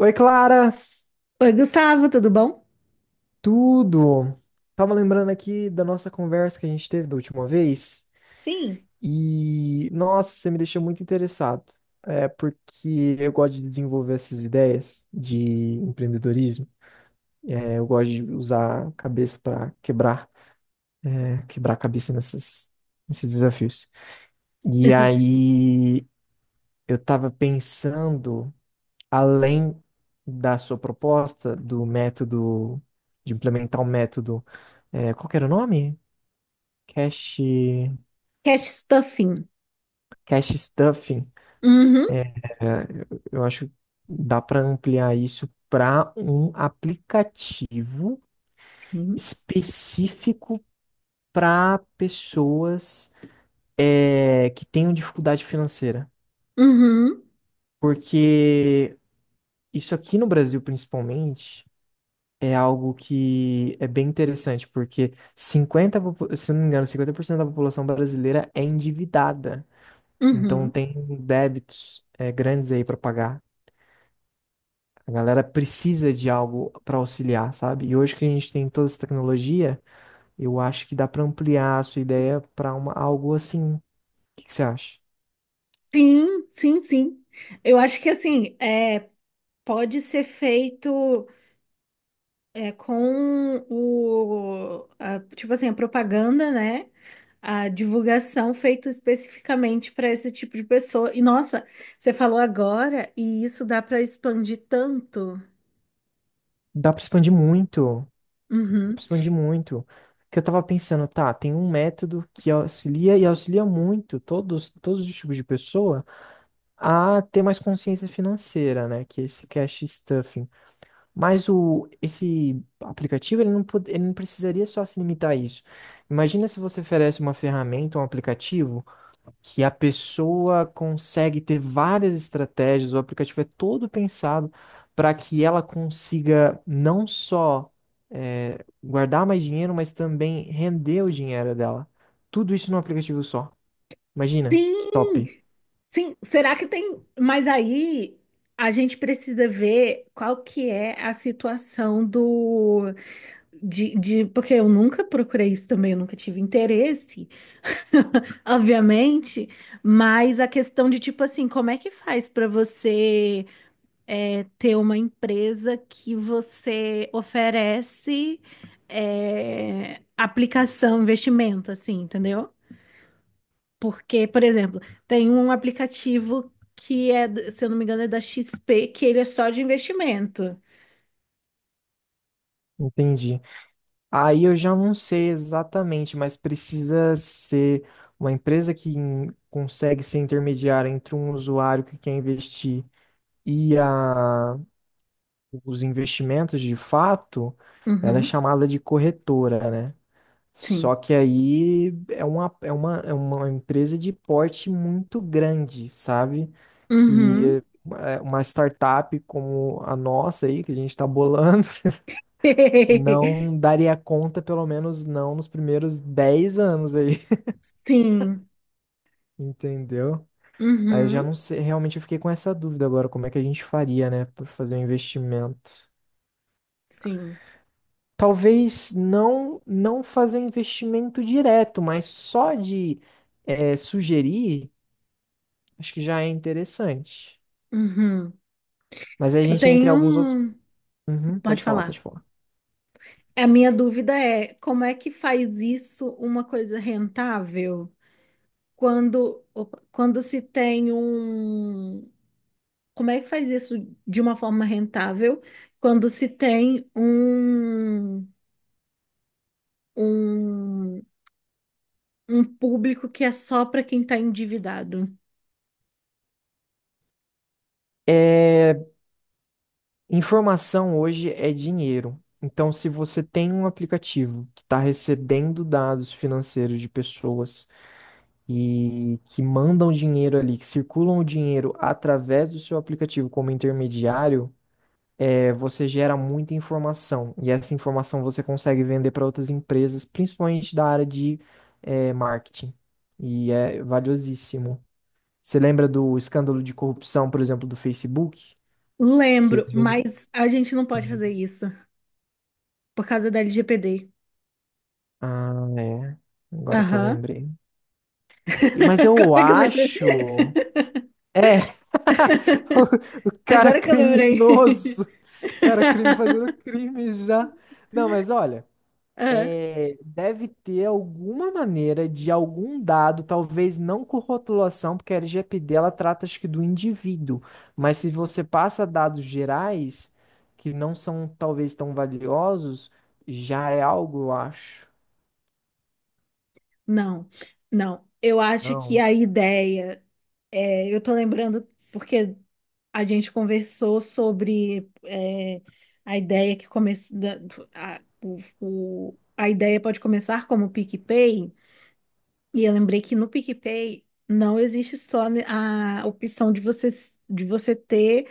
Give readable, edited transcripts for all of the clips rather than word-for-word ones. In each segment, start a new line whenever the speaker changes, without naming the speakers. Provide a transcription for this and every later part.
Oi, Clara,
Oi, Gustavo, tudo bom?
tudo? Tava lembrando aqui da nossa conversa que a gente teve da última vez
Sim.
e, nossa, você me deixou muito interessado. É porque eu gosto de desenvolver essas ideias de empreendedorismo. É, eu gosto de usar a cabeça para quebrar, quebrar a cabeça nesses desafios. E aí eu tava pensando além da sua proposta do método, de implementar um método, qual que era o nome? Cache,
Cash stuffing.
cache stuffing.
Uhum.
É, eu acho que dá para ampliar isso para um aplicativo
Uhum.
específico para pessoas que tenham dificuldade financeira.
Uhum.
Porque isso aqui no Brasil, principalmente, é algo que é bem interessante, porque se eu não me engano, 50% da população brasileira é endividada. Então
Uhum.
tem débitos grandes aí para pagar. A galera precisa de algo para auxiliar, sabe? E hoje que a gente tem toda essa tecnologia, eu acho que dá para ampliar a sua ideia para uma algo assim. O que que você acha?
Sim, sim, sim. Eu acho que assim, é, pode ser feito com tipo assim, a propaganda, né? A divulgação feita especificamente para esse tipo de pessoa. E nossa, você falou agora e isso dá para expandir tanto.
Dá para expandir muito, dá para
Uhum.
expandir muito. Porque eu tava pensando, tá, tem um método que auxilia e auxilia muito todos os tipos de pessoa, a ter mais consciência financeira, né? Que é esse cash stuffing. Mas esse aplicativo, ele não precisaria só se limitar a isso. Imagina se você oferece uma ferramenta, um aplicativo, que a pessoa consegue ter várias estratégias, o aplicativo é todo pensado para que ela consiga não só guardar mais dinheiro, mas também render o dinheiro dela. Tudo isso num aplicativo só. Imagina, que top.
Sim. Sim, será que tem? Mas aí a gente precisa ver qual que é a situação do porque eu nunca procurei isso também, eu nunca tive interesse, obviamente, mas a questão de tipo assim, como é que faz para você ter uma empresa que você oferece aplicação, investimento, assim, entendeu? Porque, por exemplo, tem um aplicativo que é, se eu não me engano, é da XP, que ele é só de investimento.
Entendi. Aí eu já não sei exatamente, mas precisa ser uma empresa que consegue ser intermediária entre um usuário que quer investir e os investimentos de fato. Ela é
Uhum.
chamada de corretora, né?
Sim.
Só que aí é uma empresa de porte muito grande, sabe?
Uhum.
Que é uma startup como a nossa aí, que a gente está bolando não daria conta, pelo menos não nos primeiros 10 anos aí,
Sim.
entendeu? Aí eu já não
Uhum.
sei, realmente eu fiquei com essa dúvida agora, como é que a gente faria, né, para fazer um investimento?
Sim.
Talvez não fazer um investimento direto, mas só de sugerir, acho que já é interessante.
Uhum.
Mas aí a
Eu
gente entra em
tenho.
alguns outros.
um-
Uhum,
Pode
pode falar,
falar.
pode falar.
A minha dúvida é como é que faz isso uma coisa rentável quando, opa, quando se tem um. Como é que faz isso de uma forma rentável quando se tem um um público que é só para quem tá endividado.
Eh, Informação hoje é dinheiro. Então, se você tem um aplicativo que está recebendo dados financeiros de pessoas e que mandam dinheiro ali, que circulam o dinheiro através do seu aplicativo como intermediário, você gera muita informação. E essa informação você consegue vender para outras empresas, principalmente da área de, marketing. E é valiosíssimo. Você lembra do escândalo de corrupção, por exemplo, do Facebook? Que
Lembro,
eles vêm-
mas a gente não pode fazer isso por causa da LGPD.
Ah, é. Agora que eu
Aham.
lembrei. Mas
Agora
eu
que eu lembrei.
acho. É. O cara
Agora que eu lembrei.
criminoso. Cara, crime fazendo crime já. Não, mas olha.
Ah.
Deve ter alguma maneira de algum dado, talvez não com rotulação, porque a LGPD ela trata acho que do indivíduo. Mas se você passa dados gerais, que não são talvez tão valiosos, já é algo, eu acho.
Não, não. Eu acho que
Não.
a ideia é, eu tô lembrando porque a gente conversou sobre a ideia que começa da- a, o- a ideia pode começar como PicPay. E eu lembrei que no PicPay não existe só a opção de você ter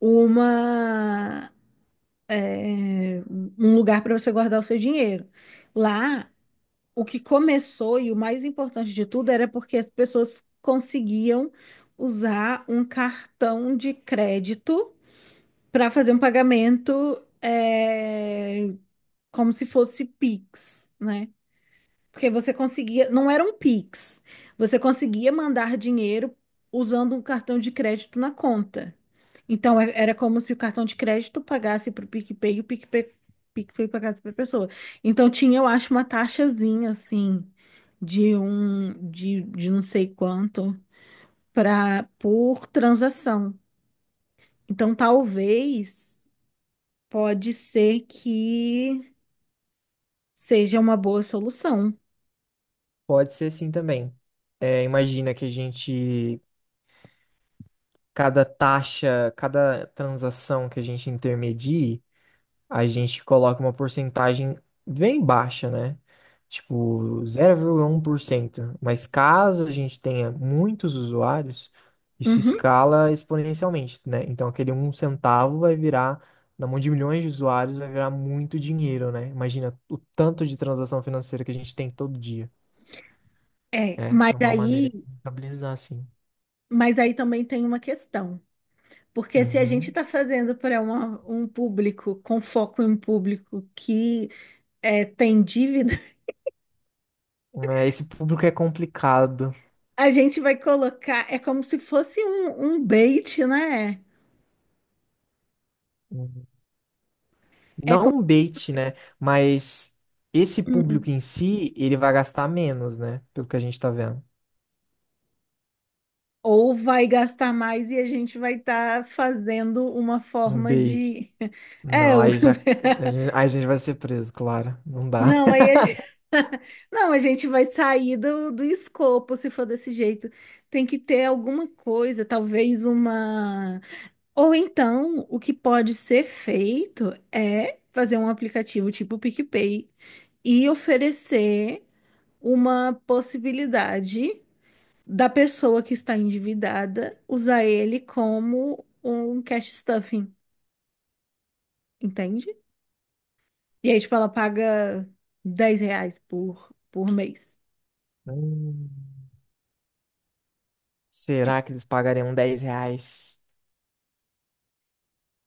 uma, é, um lugar para você guardar o seu dinheiro. Lá, o que começou e o mais importante de tudo era porque as pessoas conseguiam usar um cartão de crédito para fazer um pagamento, é, como se fosse Pix, né? Porque você conseguia, não era um Pix, você conseguia mandar dinheiro usando um cartão de crédito na conta. Então era como se o cartão de crédito pagasse para o PicPay e o PicPay pagasse para a pessoa. Então tinha, eu acho, uma taxazinha assim de não sei quanto para por transação. Então talvez pode ser que seja uma boa solução.
Pode ser sim também. Imagina que a gente, cada taxa, cada transação que a gente intermedie, a gente coloca uma porcentagem bem baixa, né? Tipo 0,1%. Mas caso a gente tenha muitos usuários, isso
Uhum.
escala exponencialmente, né? Então aquele 1 centavo vai virar, na mão de milhões de usuários, vai virar muito dinheiro, né? Imagina o tanto de transação financeira que a gente tem todo dia.
É, mas
É uma maneira de
aí
estabilizar, assim.
Mas aí também tem uma questão, porque se a gente
Uhum.
está fazendo para um público com foco em um público que é, tem dívida.
Esse público é complicado.
A gente vai colocar, é como se fosse um bait, né?
Uhum. Não um bait, né? Mas esse
Hum.
público em si, ele vai gastar menos, né? Pelo que a gente tá vendo.
Ou vai gastar mais e a gente vai estar fazendo uma
Um
forma
bait.
de. É,
Não,
o-
aí já. A gente, aí a gente vai ser preso, claro. Não dá.
não, aí a gente... Não, a gente vai sair do escopo se for desse jeito. Tem que ter alguma coisa, talvez uma. Ou então, o que pode ser feito é fazer um aplicativo tipo PicPay e oferecer uma possibilidade da pessoa que está endividada usar ele como um cash stuffing, entende? E aí, tipo, ela paga 10 reais por mês.
Hum.
Tipo,
Será que eles pagariam R$ 10?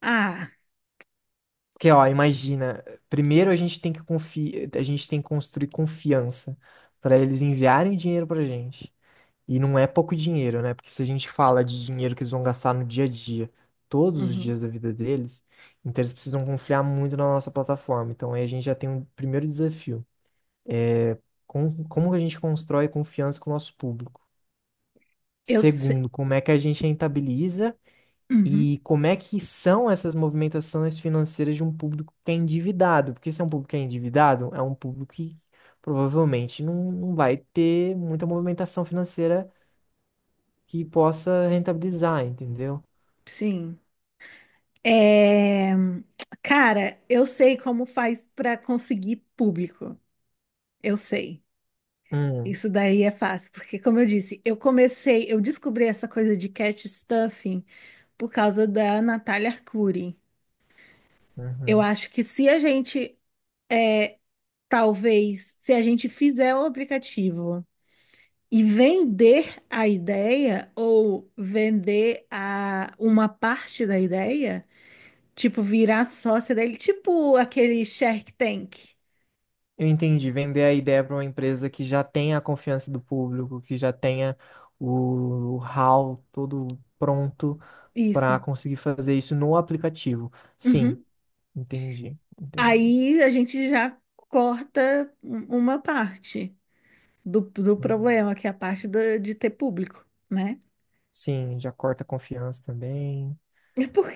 ah,
Porque, ó, imagina. Primeiro a gente tem que construir confiança para eles enviarem dinheiro pra gente. E não é pouco dinheiro, né? Porque se a gente fala de dinheiro que eles vão gastar no dia a dia, todos os
uhum,
dias da vida deles, então eles precisam confiar muito na nossa plataforma. Então aí a gente já tem um primeiro desafio. Como, que a gente constrói confiança com o nosso público?
eu sei.
Segundo, como é que a gente rentabiliza
Uhum.
e como é que são essas movimentações financeiras de um público que é endividado? Porque se é um público que é endividado, é um público que provavelmente não vai ter muita movimentação financeira que possa rentabilizar, entendeu?
Sim. É, cara, eu sei como faz para conseguir público. Eu sei.
Hum,
Isso daí é fácil, porque como eu disse, eu comecei, eu descobri essa coisa de cat stuffing por causa da Natália Arcuri. Eu
uhum.
acho que se a gente, é, talvez, se a gente fizer o aplicativo e vender a ideia ou vender a uma parte da ideia, tipo virar sócia dele, tipo aquele Shark Tank.
Eu entendi. Vender a ideia para uma empresa que já tenha a confiança do público, que já tenha o how todo pronto
Isso.
para conseguir fazer isso no aplicativo. Sim,
Uhum.
entendi, entendi.
Aí a gente já corta uma parte do
Hum.
problema, que é a parte de ter público, né?
Sim, já corta a confiança também.
E por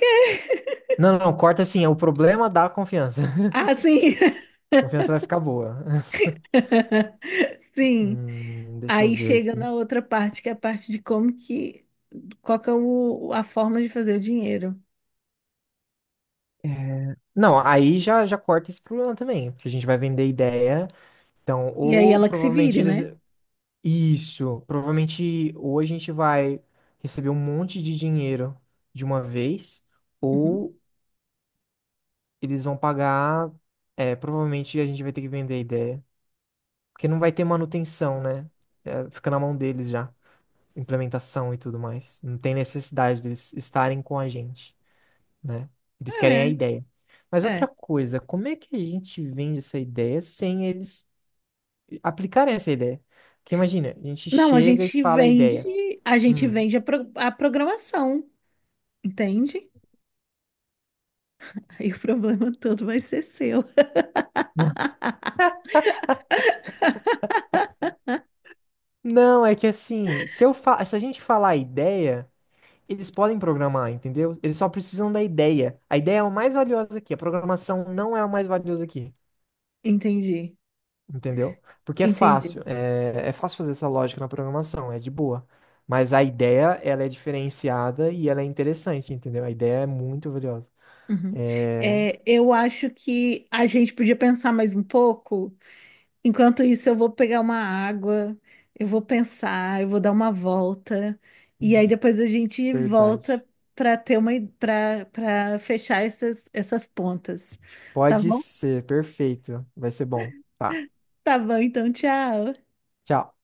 Não, não, corta sim, é o problema da confiança.
Ah, sim.
Confiança vai ficar boa.
Sim.
Deixa eu
Aí
ver
chega
aqui.
na outra parte, que é a parte de qual que é a forma de fazer o dinheiro.
Não, aí já, já corta esse problema também, porque a gente vai vender ideia. Então,
E aí
ou
ela que se
provavelmente
vire,
eles.
né?
Isso, provavelmente ou a gente vai receber um monte de dinheiro de uma vez,
Uhum.
ou eles vão pagar. Provavelmente a gente vai ter que vender a ideia, porque não vai ter manutenção, né? Fica na mão deles já, implementação e tudo mais. Não tem necessidade deles estarem com a gente, né? Eles querem a
É,
ideia. Mas outra
é.
coisa, como é que a gente vende essa ideia sem eles aplicarem essa ideia? Porque imagina, a gente
Não, a
chega e
gente
fala a
vende,
ideia. Hum.
a programação, entende? Aí o problema todo vai ser seu.
Não, é que assim, se eu fa... se a gente falar a ideia, eles podem programar, entendeu? Eles só precisam da ideia. A ideia é o mais valioso aqui, a programação não é o mais valioso aqui,
Entendi,
entendeu? Porque é
entendi.
fácil, é fácil fazer essa lógica na programação, é de boa. Mas a ideia, ela é diferenciada e ela é interessante, entendeu? A ideia é muito valiosa.
Uhum.
É
É, eu acho que a gente podia pensar mais um pouco. Enquanto isso, eu vou pegar uma água, eu vou pensar, eu vou dar uma volta, e aí depois a gente volta
verdade.
para ter uma para fechar essas pontas. Tá
Pode
bom?
ser, perfeito. Vai ser bom. Tá.
Tá bom, então tchau.
Tchau.